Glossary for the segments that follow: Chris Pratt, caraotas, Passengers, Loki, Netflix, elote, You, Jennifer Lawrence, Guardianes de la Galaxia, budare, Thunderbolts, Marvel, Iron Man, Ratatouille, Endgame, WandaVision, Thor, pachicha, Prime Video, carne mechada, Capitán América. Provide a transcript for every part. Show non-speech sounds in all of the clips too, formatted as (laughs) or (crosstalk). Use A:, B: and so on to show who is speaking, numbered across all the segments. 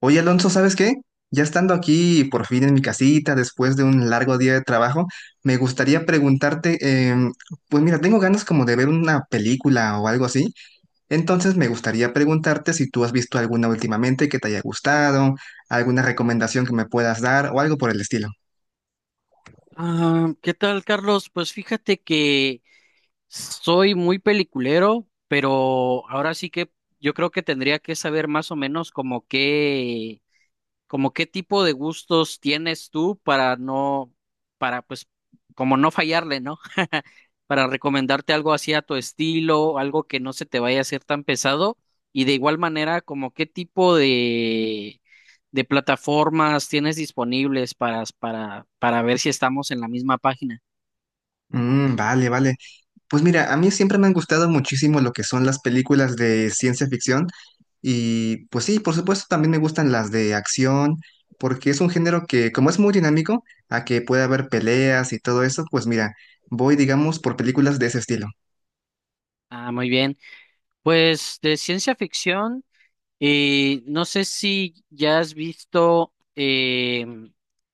A: Oye, Alonso, ¿sabes qué? Ya estando aquí por fin en mi casita, después de un largo día de trabajo, me gustaría preguntarte, em, pues mira, tengo ganas como de ver una película o algo así, entonces me gustaría preguntarte si tú has visto alguna últimamente que te haya gustado, alguna recomendación que me puedas dar o algo por el estilo.
B: Ah, ¿qué tal, Carlos? Pues fíjate que soy muy peliculero, pero ahora sí que yo creo que tendría que saber más o menos como qué tipo de gustos tienes tú para no, para pues, como no fallarle, ¿no? (laughs) Para recomendarte algo así a tu estilo, algo que no se te vaya a hacer tan pesado. Y de igual manera, como qué tipo de plataformas tienes disponibles para ver si estamos en la misma página.
A: Mm, vale, vale. Pues mira, a mí siempre me han gustado muchísimo lo que son las películas de ciencia ficción y pues sí, por supuesto también me gustan las de acción porque es un género que como es muy dinámico, a que puede haber peleas y todo eso, pues mira, voy digamos por películas de ese estilo.
B: Ah, muy bien. Pues de ciencia ficción. Y no sé si ya has visto,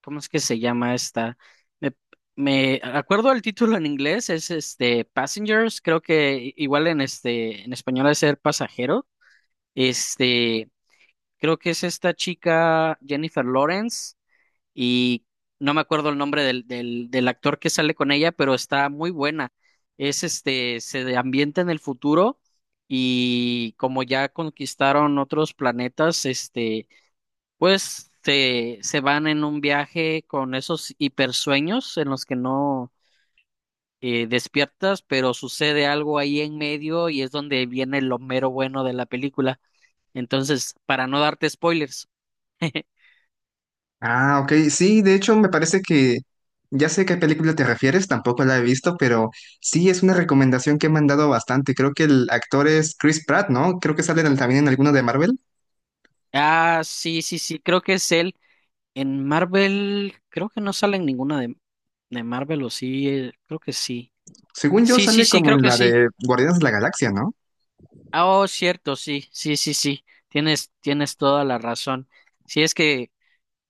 B: ¿cómo es que se llama esta? Me, me acuerdo el título en inglés, es este Passengers, creo que igual en este, en español es ser pasajero. Este, creo que es esta chica Jennifer Lawrence y no me acuerdo el nombre del actor que sale con ella, pero está muy buena. Es este, ambienta en el futuro y como ya conquistaron otros planetas, este, pues se van en un viaje con esos hipersueños en los que no despiertas, pero sucede algo ahí en medio y es donde viene lo mero bueno de la película. Entonces, para no darte spoilers. (laughs)
A: Ah, ok, sí, de hecho me parece que ya sé a qué película te refieres, tampoco la he visto, pero sí es una recomendación que me han dado bastante. Creo que el actor es Chris Pratt, ¿no? Creo que sale también en alguno de Marvel.
B: Ah, sí, sí, sí, creo que es él. En Marvel, creo que no sale en ninguna de Marvel, o sí, creo que sí.
A: Según yo,
B: Sí, sí,
A: sale
B: sí,
A: como
B: creo
A: en
B: que
A: la
B: sí.
A: de Guardianes de la Galaxia, ¿no?
B: Ah, oh, cierto, sí, sí, sí, sí. Tienes toda la razón. Sí, es que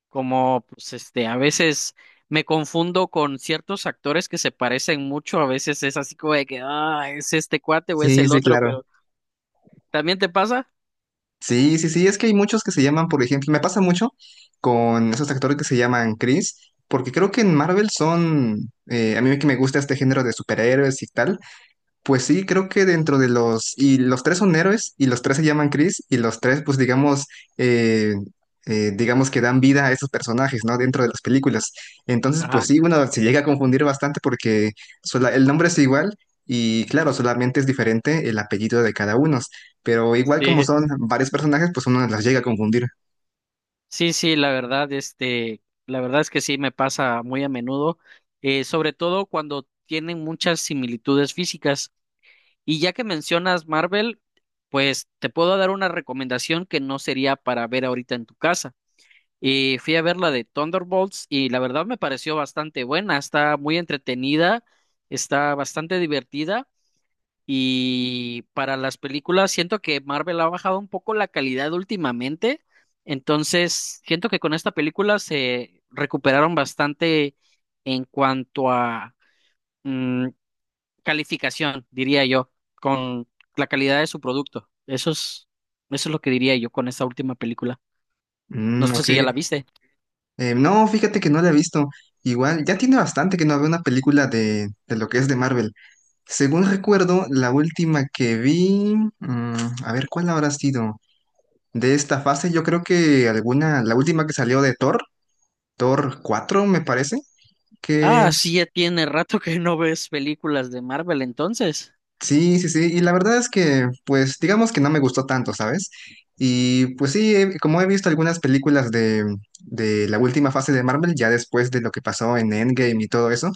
B: como, pues, este, a veces me confundo con ciertos actores que se parecen mucho, a veces es así como de que, ah, es este cuate o es
A: Sí,
B: el
A: sí,
B: otro,
A: claro.
B: pero ¿también te pasa?
A: Sí, sí, sí, es que hay muchos que se llaman, por ejemplo, me pasa mucho con esos actores que se llaman Chris, porque creo que en Marvel son, a mí que me gusta este género de superhéroes y tal, pues sí, creo que dentro de los... Y los tres son héroes y los tres se llaman Chris y los tres, pues digamos, eh, digamos que dan vida a esos personajes, ¿no? Dentro de las películas. Entonces, pues
B: Ajá,
A: sí, uno se llega a confundir bastante porque el nombre es igual y claro, solamente es diferente el apellido de cada uno. Pero igual como
B: sí.
A: son varios personajes, pues uno las llega a confundir.
B: Sí, sí, la verdad, este, la verdad es que sí me pasa muy a menudo, sobre todo cuando tienen muchas similitudes físicas. Y ya que mencionas Marvel, pues te puedo dar una recomendación que no sería para ver ahorita en tu casa. Y fui a ver la de Thunderbolts y la verdad me pareció bastante buena, está muy entretenida, está bastante divertida y para las películas, siento que Marvel ha bajado un poco la calidad últimamente. Entonces, siento que con esta película se recuperaron bastante en cuanto a mm, calificación, diría yo, con la calidad de su producto. Eso es lo que diría yo con esta última película. No
A: Mm,
B: sé
A: ok.
B: si ya la viste.
A: No, fíjate que no la he visto. Igual, ya tiene bastante que no veo una película de lo que es de Marvel. Según recuerdo, la última que vi, mm, a ver, ¿cuál habrá sido? De esta fase, yo creo que alguna, la última que salió de Thor, Thor 4, me parece, que
B: Ah, sí, ya tiene rato que no ves películas de Marvel, entonces.
A: sí, sí, sí, y la verdad es que, pues, digamos que no me gustó tanto, ¿sabes? Y pues sí, como he visto algunas películas de la última fase de Marvel, ya después de lo que pasó en Endgame y todo eso,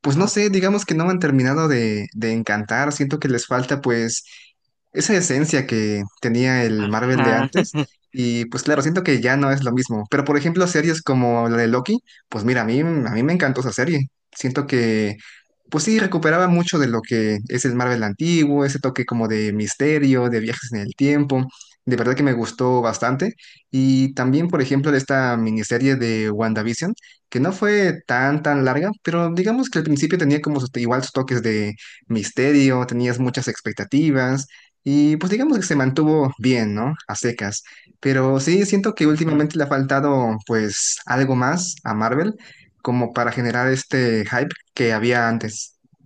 A: pues no
B: Ajá.
A: sé, digamos que no me han terminado de encantar, siento que les falta pues esa esencia que tenía el Marvel de
B: Ajá.
A: antes y pues claro, siento que ya no es lo mismo, pero por ejemplo series como la de Loki, pues mira, a mí me encantó esa serie, siento que pues sí, recuperaba mucho de lo que es el Marvel antiguo, ese toque como de misterio, de viajes en el tiempo. De verdad que me gustó bastante. Y también, por ejemplo, de esta miniserie de WandaVision que no fue tan, tan larga, pero digamos que al principio tenía como igual sus toques de misterio, tenías muchas expectativas y pues digamos que se mantuvo bien, ¿no? A secas. Pero sí, siento que últimamente
B: (laughs)
A: le ha faltado pues algo más a Marvel como para generar este hype que había antes. (laughs)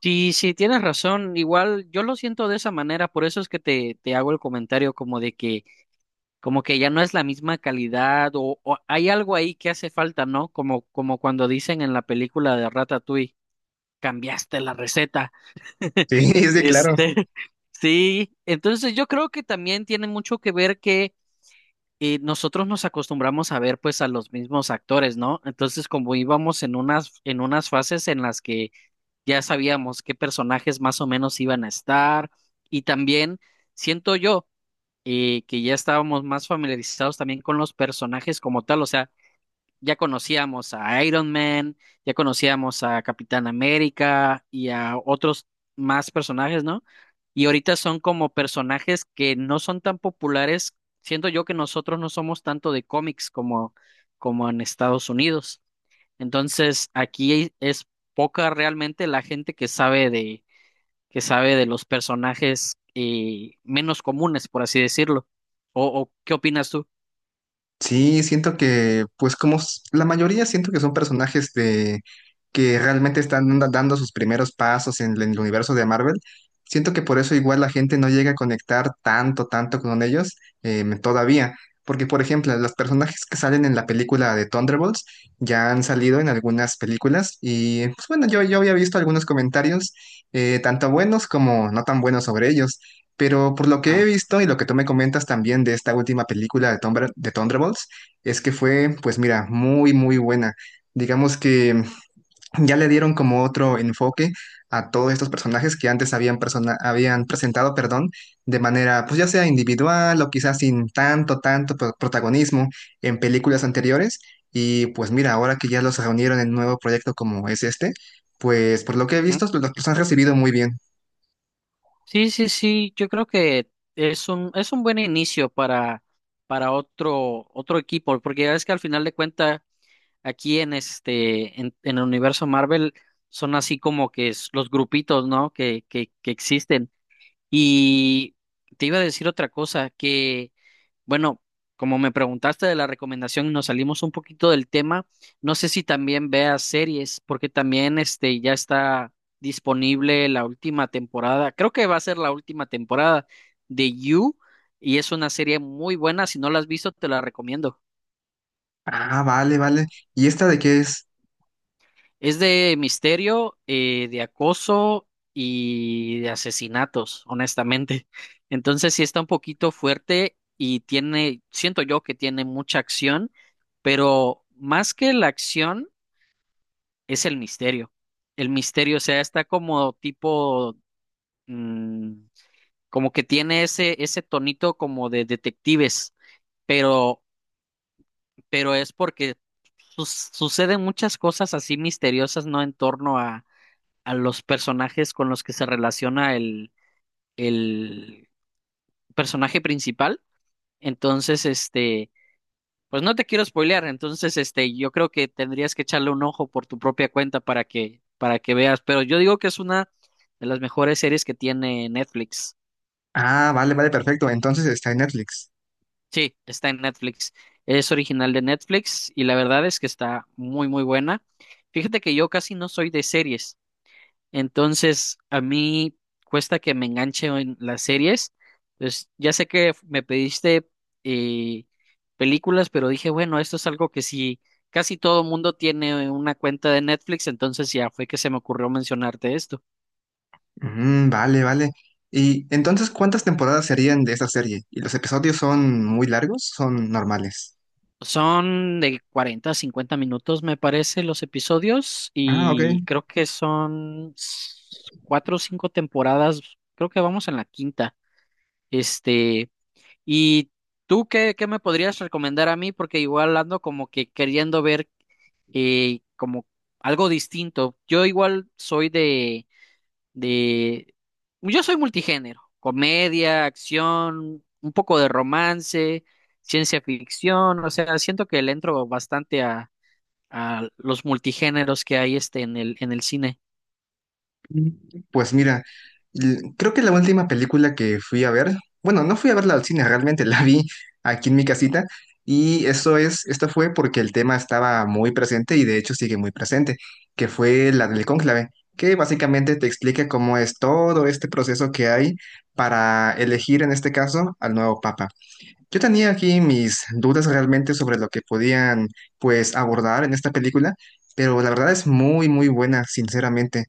B: Sí, sí, tienes razón. Igual yo lo siento de esa manera, por eso es que te hago el comentario como de que, como que ya no es la misma calidad o hay algo ahí que hace falta, ¿no? Como, como cuando dicen en la película de Ratatouille, cambiaste la receta.
A: Sí,
B: (laughs)
A: sí, claro.
B: Este, sí, entonces yo creo que también tiene mucho que ver que nosotros nos acostumbramos a ver pues a los mismos actores, ¿no? Entonces como íbamos en unas fases en las que ya sabíamos qué personajes más o menos iban a estar y también siento yo que ya estábamos más familiarizados también con los personajes como tal, o sea, ya conocíamos a Iron Man, ya conocíamos a Capitán América y a otros más personajes, ¿no? Y ahorita son como personajes que no son tan populares, siento yo que nosotros no somos tanto de cómics como, como en Estados Unidos. Entonces, aquí es poca realmente la gente que sabe de los personajes menos comunes, por así decirlo. O qué opinas tú?
A: Sí, siento que, pues como la mayoría, siento que son personajes de que realmente están dando sus primeros pasos en el universo de Marvel. Siento que por eso igual la gente no llega a conectar tanto, tanto con ellos todavía. Porque, por ejemplo, los personajes que salen en la película de Thunderbolts ya han salido en algunas películas y, pues bueno, yo había visto algunos comentarios, tanto buenos como no tan buenos sobre ellos. Pero por lo que he
B: Ajá.
A: visto y lo que tú me comentas también de esta última película de Thunderbolts, es que fue, pues mira, muy, muy buena. Digamos que ya le dieron como otro enfoque a todos estos personajes que antes habían presentado, perdón, de manera, pues ya sea individual o quizás sin tanto, tanto protagonismo en películas anteriores. Y pues mira, ahora que ya los reunieron en un nuevo proyecto como es este, pues por lo que he
B: Ujú.
A: visto, los han recibido muy bien.
B: Sí, sí, sí, yo creo que es un buen inicio para otro, otro equipo, porque ya ves que al final de cuenta aquí en este, en el universo Marvel, son así como que es los grupitos, ¿no? Que existen. Y te iba a decir otra cosa, que bueno, como me preguntaste de la recomendación y nos salimos un poquito del tema, no sé si también veas series, porque también este ya está disponible la última temporada. Creo que va a ser la última temporada de You y es una serie muy buena. Si no la has visto, te la recomiendo.
A: Ah, vale, vale. ¿Y esta de qué es?
B: Es de misterio, de acoso y de asesinatos, honestamente. (laughs) Entonces sí está un poquito fuerte y tiene, siento yo que tiene mucha acción, pero más que la acción es el misterio. El misterio, o sea, está como tipo, mm, como que tiene ese, ese tonito como de detectives, pero, pero es porque suceden muchas cosas así misteriosas, ¿no? En torno a los personajes con los que se relaciona el personaje principal. Entonces, este, pues no te quiero spoilear, entonces, este, yo creo que tendrías que echarle un ojo por tu propia cuenta para que veas, pero yo digo que es una de las mejores series que tiene Netflix.
A: Ah, vale, vale, perfecto. Entonces está en Netflix.
B: Sí, está en Netflix. Es original de Netflix y la verdad es que está muy, muy buena. Fíjate que yo casi no soy de series. Entonces, a mí cuesta que me enganche en las series. Pues ya sé que me pediste eh, películas, pero dije, bueno, esto es algo que si casi todo mundo tiene una cuenta de Netflix, entonces ya fue que se me ocurrió mencionarte esto.
A: Mm, vale, vale. Y entonces, ¿cuántas temporadas serían de esta serie? ¿Y los episodios son muy largos? ¿Son normales?
B: Son de 40, a 50 minutos, me parece, los episodios,
A: Ah, ok.
B: y creo que son cuatro o cinco temporadas. Creo que vamos en la quinta. Este. ¿Y tú qué, qué me podrías recomendar a mí? Porque igual ando como que queriendo ver como algo distinto. Yo igual soy de, yo soy multigénero, comedia, acción, un poco de romance, ciencia ficción, o sea, siento que le entro bastante a los multigéneros que hay este en el cine.
A: Pues mira, creo que la última película que fui a ver, bueno, no fui a verla al cine, realmente (laughs) la vi aquí en mi casita y eso es, esto fue porque el tema estaba muy presente y de hecho sigue muy presente, que fue la del cónclave, que básicamente te explica cómo es todo este proceso que hay para elegir en este caso al nuevo papa. Yo tenía aquí mis dudas realmente sobre lo que podían, pues, abordar en esta película, pero la verdad es muy, muy buena, sinceramente.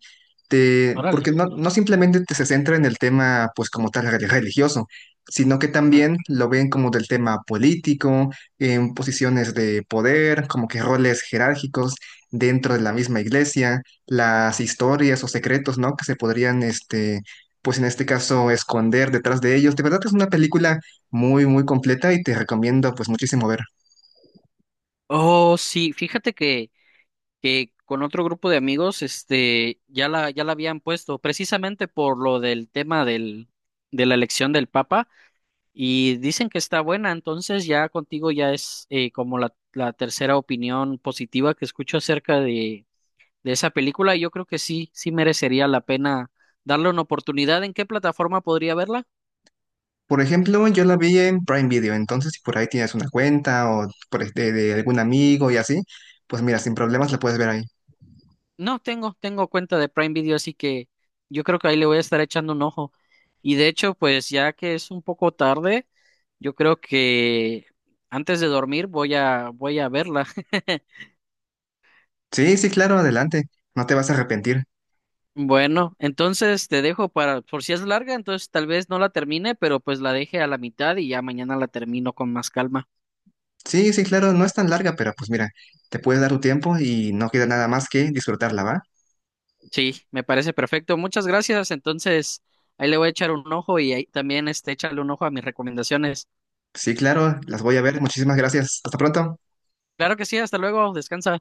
A: Porque
B: Órale.
A: no, no simplemente te se centra en el tema, pues, como tal religioso, sino que también lo ven como del tema político, en posiciones de poder, como que roles jerárquicos dentro de la misma iglesia, las historias o secretos, ¿no? Que se podrían, pues en este caso, esconder detrás de ellos. De verdad es una película muy, muy completa y te recomiendo pues muchísimo ver.
B: Oh, sí, fíjate que con otro grupo de amigos, este, ya la, ya la habían puesto, precisamente por lo del tema del, de la elección del Papa, y dicen que está buena, entonces ya contigo ya es como la tercera opinión positiva que escucho acerca de esa película, y yo creo que sí, sí merecería la pena darle una oportunidad. ¿En qué plataforma podría verla?
A: Por ejemplo, yo la vi en Prime Video, entonces si por ahí tienes una cuenta o de algún amigo y así, pues mira, sin problemas la puedes ver ahí.
B: No, tengo, tengo cuenta de Prime Video, así que yo creo que ahí le voy a estar echando un ojo. Y de hecho, pues ya que es un poco tarde, yo creo que antes de dormir voy voy a verla. (laughs)
A: Sí, sí, claro, adelante, no te vas a arrepentir.
B: Bueno, entonces te dejo para, por si es larga, entonces tal vez no la termine, pero pues la deje a la mitad y ya mañana la termino con más calma.
A: Sí, sí, claro, no es tan larga, pero pues mira, te puedes dar tu tiempo y no queda nada más que disfrutarla, ¿va?
B: Sí, me parece perfecto. Muchas gracias. Entonces, ahí le voy a echar un ojo y ahí también este, échale un ojo a mis recomendaciones.
A: Sí, claro, las voy a ver, muchísimas gracias. Hasta pronto.
B: Claro que sí, hasta luego, descansa.